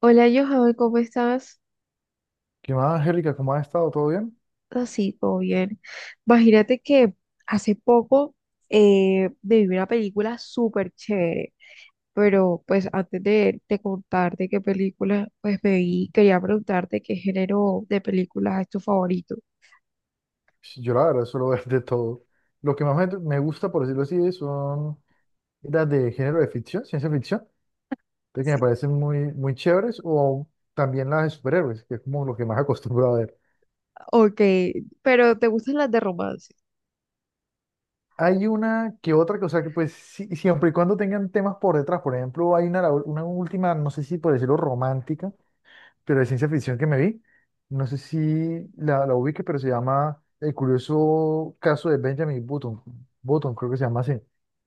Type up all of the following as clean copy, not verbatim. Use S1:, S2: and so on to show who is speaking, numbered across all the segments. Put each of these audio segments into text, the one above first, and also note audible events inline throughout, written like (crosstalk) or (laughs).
S1: Hola Johan, ¿cómo estás?
S2: ¿Qué más, Angélica? ¿Cómo has estado? ¿Todo bien?
S1: Así, todo bien. Imagínate que hace poco me vi una película súper chévere, pero pues antes de contarte qué película pues me vi, quería preguntarte qué género de películas es tu favorito.
S2: Sí, yo la verdad suelo (laughs) ver de todo. Lo que más me gusta, por decirlo así, son las de género de ficción, ciencia ficción, de que me
S1: Sí,
S2: parecen muy chéveres, o también las de superhéroes, que es como lo que más (laughs) acostumbro a ver.
S1: ok, pero ¿te gustan las de romance?
S2: Hay una que otra que, o sea, que pues siempre y cuando tengan temas por detrás, por ejemplo, hay una, una última, no sé si por decirlo romántica, pero de ciencia ficción que me vi, no sé si la ubique, pero se llama El curioso caso de Benjamin Button, Button creo que se llama así.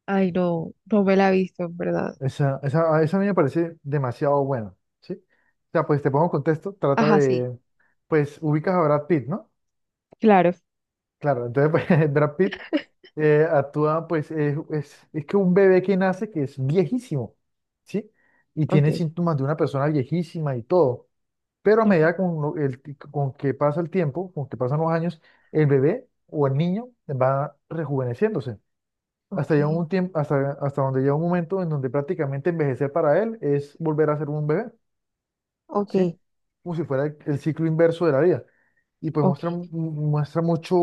S1: Ay, no me la he visto, en verdad.
S2: A esa a mí me parece demasiado buena, ¿sí? O sea, pues te pongo en contexto,
S1: Ajá, sí,
S2: pues ubicas a Brad Pitt, ¿no?
S1: claro.
S2: Claro, entonces pues, (laughs) Brad Pitt actúa, pues es que un bebé que nace que es viejísimo, ¿sí? Y
S1: Ok,
S2: tiene síntomas de una persona viejísima y todo. Pero a
S1: ok,
S2: medida con que pasa el tiempo, con que pasan los años, el bebé o el niño va rejuveneciéndose.
S1: ok,
S2: Hasta, llega un tiempo, hasta donde llega un momento en donde prácticamente envejecer para él es volver a ser un bebé, ¿sí?
S1: ok,
S2: Como si fuera el ciclo inverso de la vida. Y pues
S1: ok.
S2: muestra mucho,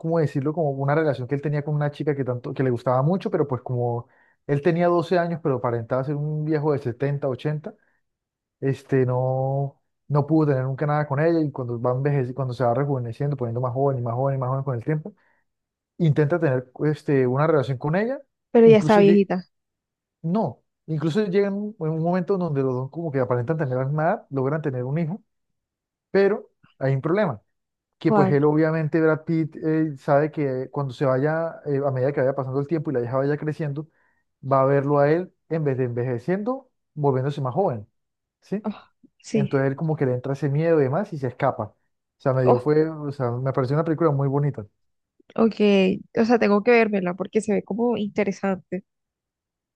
S2: ¿cómo decirlo? Como una relación que él tenía con una chica que, tanto, que le gustaba mucho, pero pues como él tenía 12 años, pero aparentaba ser un viejo de 70 80 no, no pudo tener nunca nada con ella y cuando cuando se va rejuveneciendo, poniendo más joven y más joven y más joven con el tiempo, intenta tener una relación con ella,
S1: Pero ya está
S2: incluso lle-
S1: viejita.
S2: no, incluso llega en un momento donde los dos como que aparentan tener la misma edad, logran tener un hijo, pero hay un problema, que pues
S1: ¿Cuál?
S2: él obviamente, Brad Pitt, sabe que cuando se vaya, a medida que vaya pasando el tiempo y la hija vaya creciendo, va a verlo a él en vez de envejeciendo, volviéndose más joven. ¿Sí?
S1: Ah, sí.
S2: Entonces él como que le entra ese miedo y demás y se escapa.
S1: Oh,
S2: O sea, me pareció una película muy bonita.
S1: ok, o sea, tengo que vérmela porque se ve como interesante.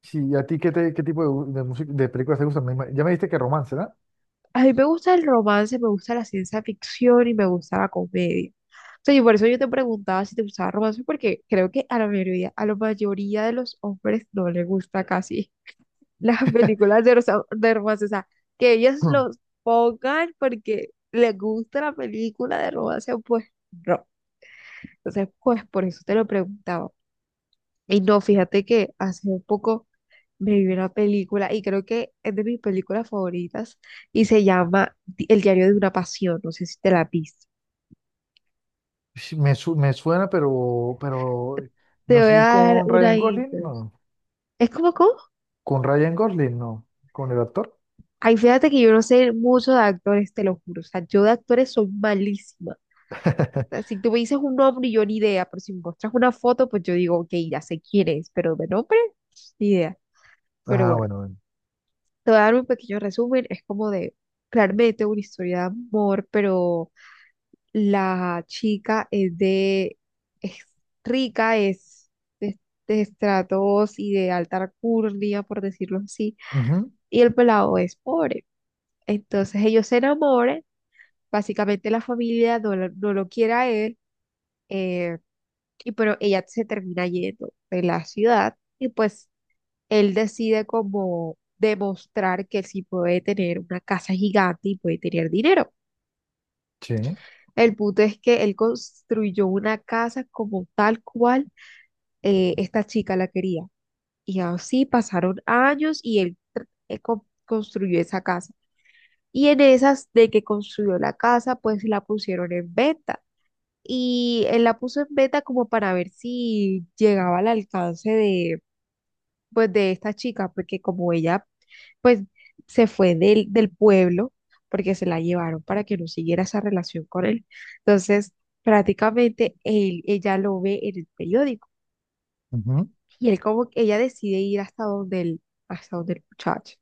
S2: Sí, ¿y a ti qué tipo de, de películas te gustan? Ya me dijiste que romance, ¿verdad?
S1: A mí me gusta el romance, me gusta la ciencia ficción y me gusta la comedia. O sea, y por eso yo te preguntaba si te gustaba el romance, porque creo que a la mayoría de los hombres no les gusta casi (laughs) las
S2: (clears throat)
S1: películas de, rosa- de romance. O sea, que ellos los pongan porque les gusta la película de romance, pues no. Entonces, pues por eso te lo preguntaba. Y no, fíjate que hace un poco. Me vi una película y creo que es de mis películas favoritas y se llama Di- El diario de una pasión. No sé si te la has visto.
S2: Sí, me suena, pero
S1: Te
S2: no
S1: voy a
S2: sé si es
S1: dar
S2: con
S1: una
S2: Ryan Gosling,
S1: idea.
S2: no.
S1: Es como, ¿cómo?
S2: Con Ryan Gosling, no. Con el actor.
S1: Ay, fíjate que yo no sé mucho de actores, te lo juro. O sea, yo de actores soy malísima. O sea,
S2: (laughs)
S1: si tú me dices un nombre, yo ni idea, pero si me muestras una foto, pues yo digo, ok, ya sé quién es, pero de nombre, ni idea. Pero
S2: Ah,
S1: bueno,
S2: bueno, bueno.
S1: te voy a dar un pequeño resumen. Es como de, claramente, una historia de amor, pero la chica es de, es rica, es de, de estratos y de alta alcurnia, por decirlo así,
S2: Ujú.
S1: y el pelado es pobre. Entonces ellos se enamoran, básicamente la familia no, lo no lo quiere a él, eh, y pero ella se termina yendo de la ciudad y pues él decide como demostrar que él sí puede tener una casa gigante y puede tener dinero.
S2: Sí.
S1: El punto es que él construyó una casa como tal cual esta chica la quería. Y así pasaron años y él construyó esa casa. Y en esas de que construyó la casa, pues la pusieron en venta. Y él la puso en venta como para ver si llegaba al alcance de, pues, de esta chica, porque como ella, pues, se fue del pueblo, porque se la llevaron para que no siguiera esa relación con él. Entonces, prácticamente él, ella lo ve en el periódico,
S2: Ujú.
S1: y él como que ella decide ir hasta donde el muchacho.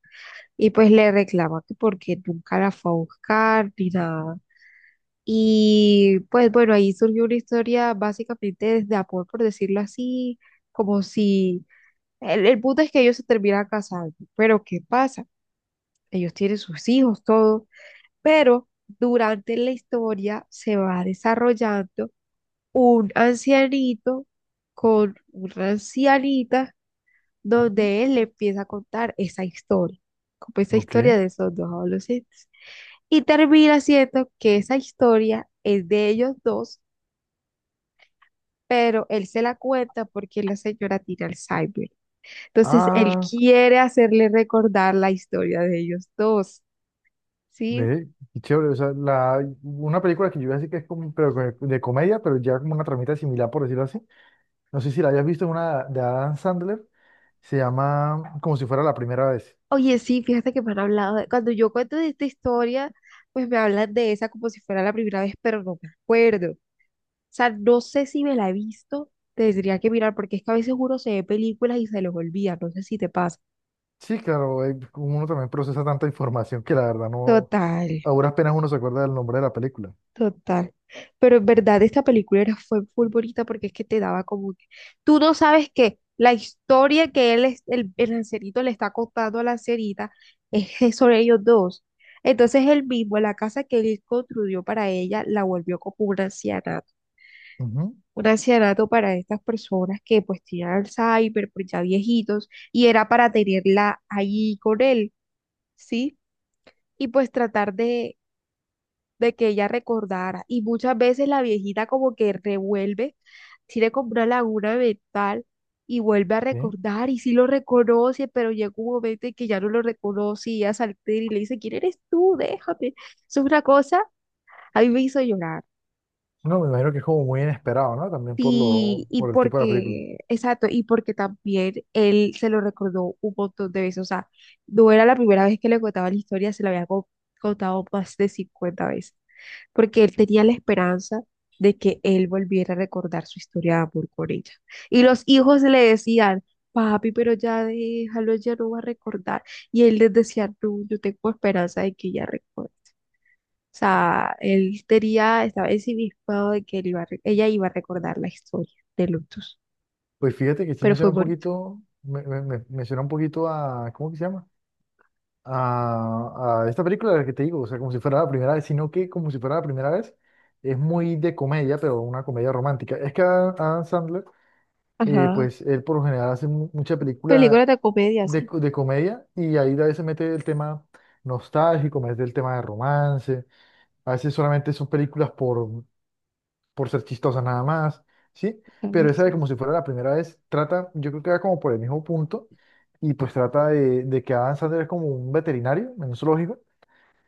S1: Y pues le reclama que porque nunca la fue a buscar ni nada. Y pues bueno, ahí surgió una historia básicamente de amor, por decirlo así, como si el, el punto es que ellos se terminan casando. Pero ¿qué pasa? Ellos tienen sus hijos, todo. Pero durante la historia se va desarrollando un ancianito con una ancianita
S2: Ujú.
S1: donde él le empieza a contar esa historia, como esa
S2: Ok.
S1: historia de esos dos adolescentes. Y termina siendo que esa historia es de ellos dos, pero él se la cuenta porque la señora tiene Alzheimer. Entonces, él
S2: Ah,
S1: quiere hacerle recordar la historia de ellos dos, ¿sí?
S2: ve, qué chévere. O sea, una película que yo iba a decir que es como, de comedia, pero ya como una tramita similar, por decirlo así. No sé si la hayas visto en una de Adam Sandler, se llama Como si fuera la primera vez.
S1: Oye, sí, fíjate que me han hablado de- cuando yo cuento de esta historia, pues me hablan de esa como si fuera la primera vez, pero no me acuerdo. O sea, no sé si me la he visto, tendría que mirar, porque es que a veces uno se ve películas y se los olvida, no sé si te pasa.
S2: Sí, claro, uno también procesa tanta información que la verdad no,
S1: Total,
S2: a duras penas uno se acuerda del nombre de la película.
S1: total. Pero en verdad esta película era, fue muy bonita porque es que te daba como que... Tú no sabes que la historia que él, es- el lancerito le está contando a la lancerita es que sobre ellos dos. Entonces él mismo, la casa que él construyó para ella, la volvió como una anciana,
S2: Ujú,
S1: un ancianato para estas personas que pues tienen Alzheimer, pues ya viejitos, y era para tenerla ahí con él, ¿sí? Y pues tratar de que ella recordara. Y muchas veces la viejita como que revuelve, tiene como una laguna mental y vuelve a
S2: sí.
S1: recordar y sí lo reconoce, pero llega un momento en que ya no lo reconoce y ella se altera y le dice, ¿quién eres tú? Déjame. Eso es una cosa, a mí me hizo llorar.
S2: No, me imagino que es como muy inesperado, ¿no? También por lo,
S1: Sí, y
S2: por el tipo de la película.
S1: porque, exacto, y porque también él se lo recordó un montón de veces, o sea, no era la primera vez que le contaba la historia, se la había contado más de 50 veces, porque él tenía la esperanza de que él volviera a recordar su historia de amor con ella. Y los hijos le decían, papi, pero ya déjalo, ya no va a recordar. Y él les decía, no, yo tengo esperanza de que ella recuerde. O sea, él tenía, estaba ensimismado de que él iba a re- ella iba a recordar la historia de Lutus,
S2: Pues fíjate que sí
S1: pero
S2: me
S1: fue
S2: suena un
S1: bonito.
S2: poquito, me suena un poquito a, ¿cómo que se llama? A esta película de la que te digo, o sea, como si fuera la primera vez, sino que como si fuera la primera vez, es muy de comedia, pero una comedia romántica. Es que Adam Sandler
S1: Ajá.
S2: pues él por lo general hace mucha película
S1: Películas de comedia,
S2: de,
S1: sí.
S2: de comedia y ahí a veces mete el tema nostálgico, mete el tema de romance, a veces solamente son películas por ser chistosas nada más, ¿sí?
S1: A ver,
S2: Pero esa de
S1: sí.
S2: como si fuera la primera vez, trata, yo creo que va como por el mismo punto y pues de que Adam Sandler es como un veterinario en un zoológico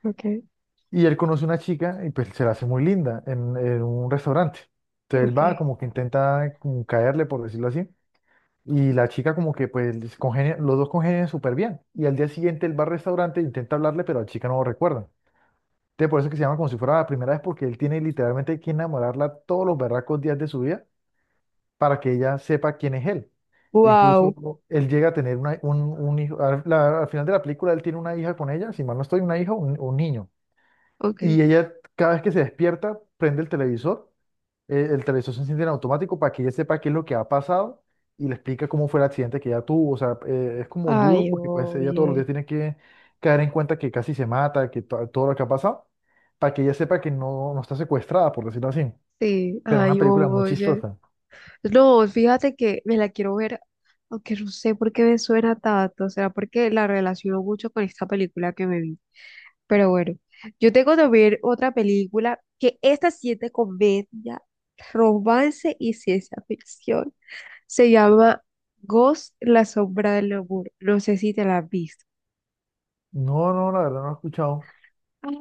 S1: Ok,
S2: y él conoce una chica y pues se la hace muy linda en un restaurante. Entonces él
S1: ok.
S2: va como que intenta como caerle, por decirlo así. Y la chica como que pues los dos congenian súper bien. Y al día siguiente él va al restaurante, e intenta hablarle, pero la chica no lo recuerda. Entonces por eso es que se llama como si fuera la primera vez, porque él tiene literalmente que enamorarla todos los berracos días de su vida para que ella sepa quién es él.
S1: Wow.
S2: Incluso él llega a tener un hijo, al final de la película él tiene una hija con ella, si mal no estoy, una hija, un niño.
S1: Ok.
S2: Y ella cada vez que se despierta, prende el televisor se enciende en automático para que ella sepa qué es lo que ha pasado y le explica cómo fue el accidente que ella tuvo. O sea, es como duro
S1: Ay,
S2: porque pues ella todos los
S1: oye.
S2: días tiene que caer en cuenta que casi se mata, que todo lo que ha pasado, para que ella sepa que no, no está secuestrada, por decirlo así.
S1: Sí,
S2: Pero una
S1: ay,
S2: película muy
S1: oye.
S2: chistosa.
S1: No, fíjate que me la quiero ver, aunque no sé por qué me suena tanto, será porque la relaciono mucho con esta película que me vi. Pero bueno, yo tengo que ver otra película que esta sí es de comedia, romance y ciencia ficción. Se llama Ghost, la sombra del amor. No sé si te la has visto.
S2: No, no, la verdad no la he escuchado.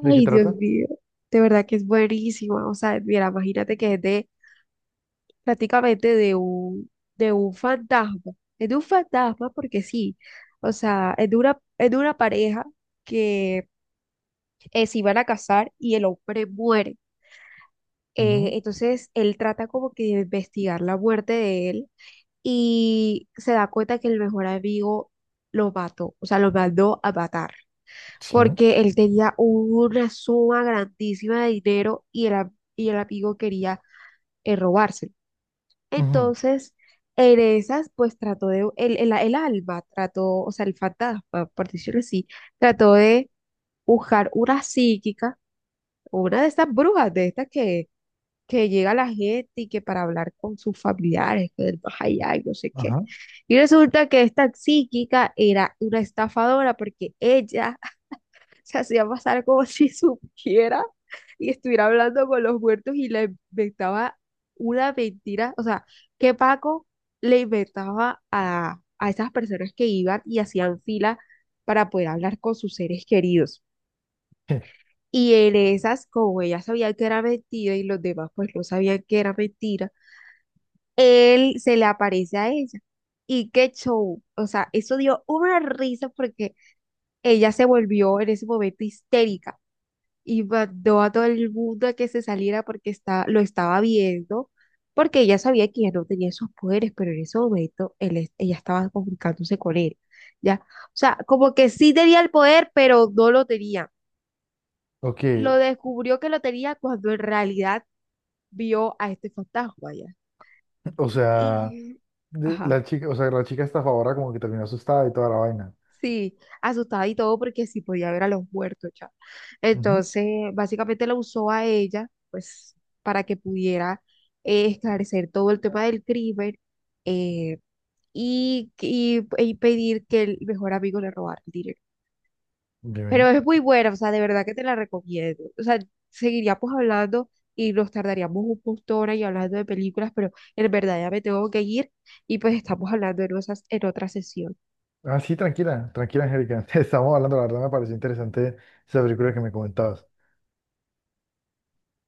S2: ¿De qué
S1: Dios
S2: trata?
S1: mío. De verdad que es buenísima. O sea, mira, imagínate que es de prácticamente de un fantasma. Es de un fantasma porque sí. O sea, es de una pareja que se iban a casar y el hombre muere.
S2: Ujú.
S1: Entonces él trata como que de investigar la muerte de él y se da cuenta que el mejor amigo lo mató, o sea, lo mandó a matar,
S2: Sí.
S1: porque él tenía una suma grandísima de dinero y el amigo quería robárselo.
S2: Ujú.
S1: Entonces, en esas, pues trató de, el alma trató, o sea, el fantasma, por decirlo así, trató de buscar una psíquica, una de estas brujas, de estas que llega la gente y que para hablar con sus familiares, que del más allá, y no sé qué.
S2: Ajá.
S1: Y resulta que esta psíquica era una estafadora porque ella (laughs) se hacía pasar como si (laughs) supiera y estuviera hablando con los muertos y le inventaba una mentira. O sea, que Paco le inventaba a esas personas que iban y hacían fila para poder hablar con sus seres queridos.
S2: (laughs)
S1: Y en esas, como ella sabía que era mentira y los demás pues no sabían que era mentira, él se le aparece a ella. Y qué show. O sea, eso dio una risa porque ella se volvió en ese momento histérica y mandó a todo el mundo a que se saliera porque está, lo estaba viendo, porque ella sabía que ella no tenía esos poderes, pero en ese momento ella estaba comunicándose con él. ¿Ya? O sea, como que sí tenía el poder, pero no lo tenía.
S2: Ok,
S1: Lo descubrió que lo tenía cuando en realidad vio a este fantasma, ¿ya?
S2: o sea,
S1: Y... Ajá.
S2: la chica, o sea, la chica está a favor, como que terminó asustada y toda la vaina.
S1: Sí, asustada y todo porque sí podía ver a los muertos, ya.
S2: Ujú.
S1: Entonces, básicamente la usó a ella, pues, para que pudiera esclarecer todo el tema del crimen, eh, y pedir que el mejor amigo le robara el dinero. Pero
S2: Dime.
S1: es muy buena, o sea, de verdad que te la recomiendo. O sea, seguiríamos hablando y nos tardaríamos un montón ahí hablando de películas, pero en verdad ya me tengo que ir y pues estamos hablando en, en otra sesión.
S2: Ah, sí, tranquila, tranquila, Angélica. (laughs) Estábamos hablando, la verdad me pareció interesante esa película que me comentabas.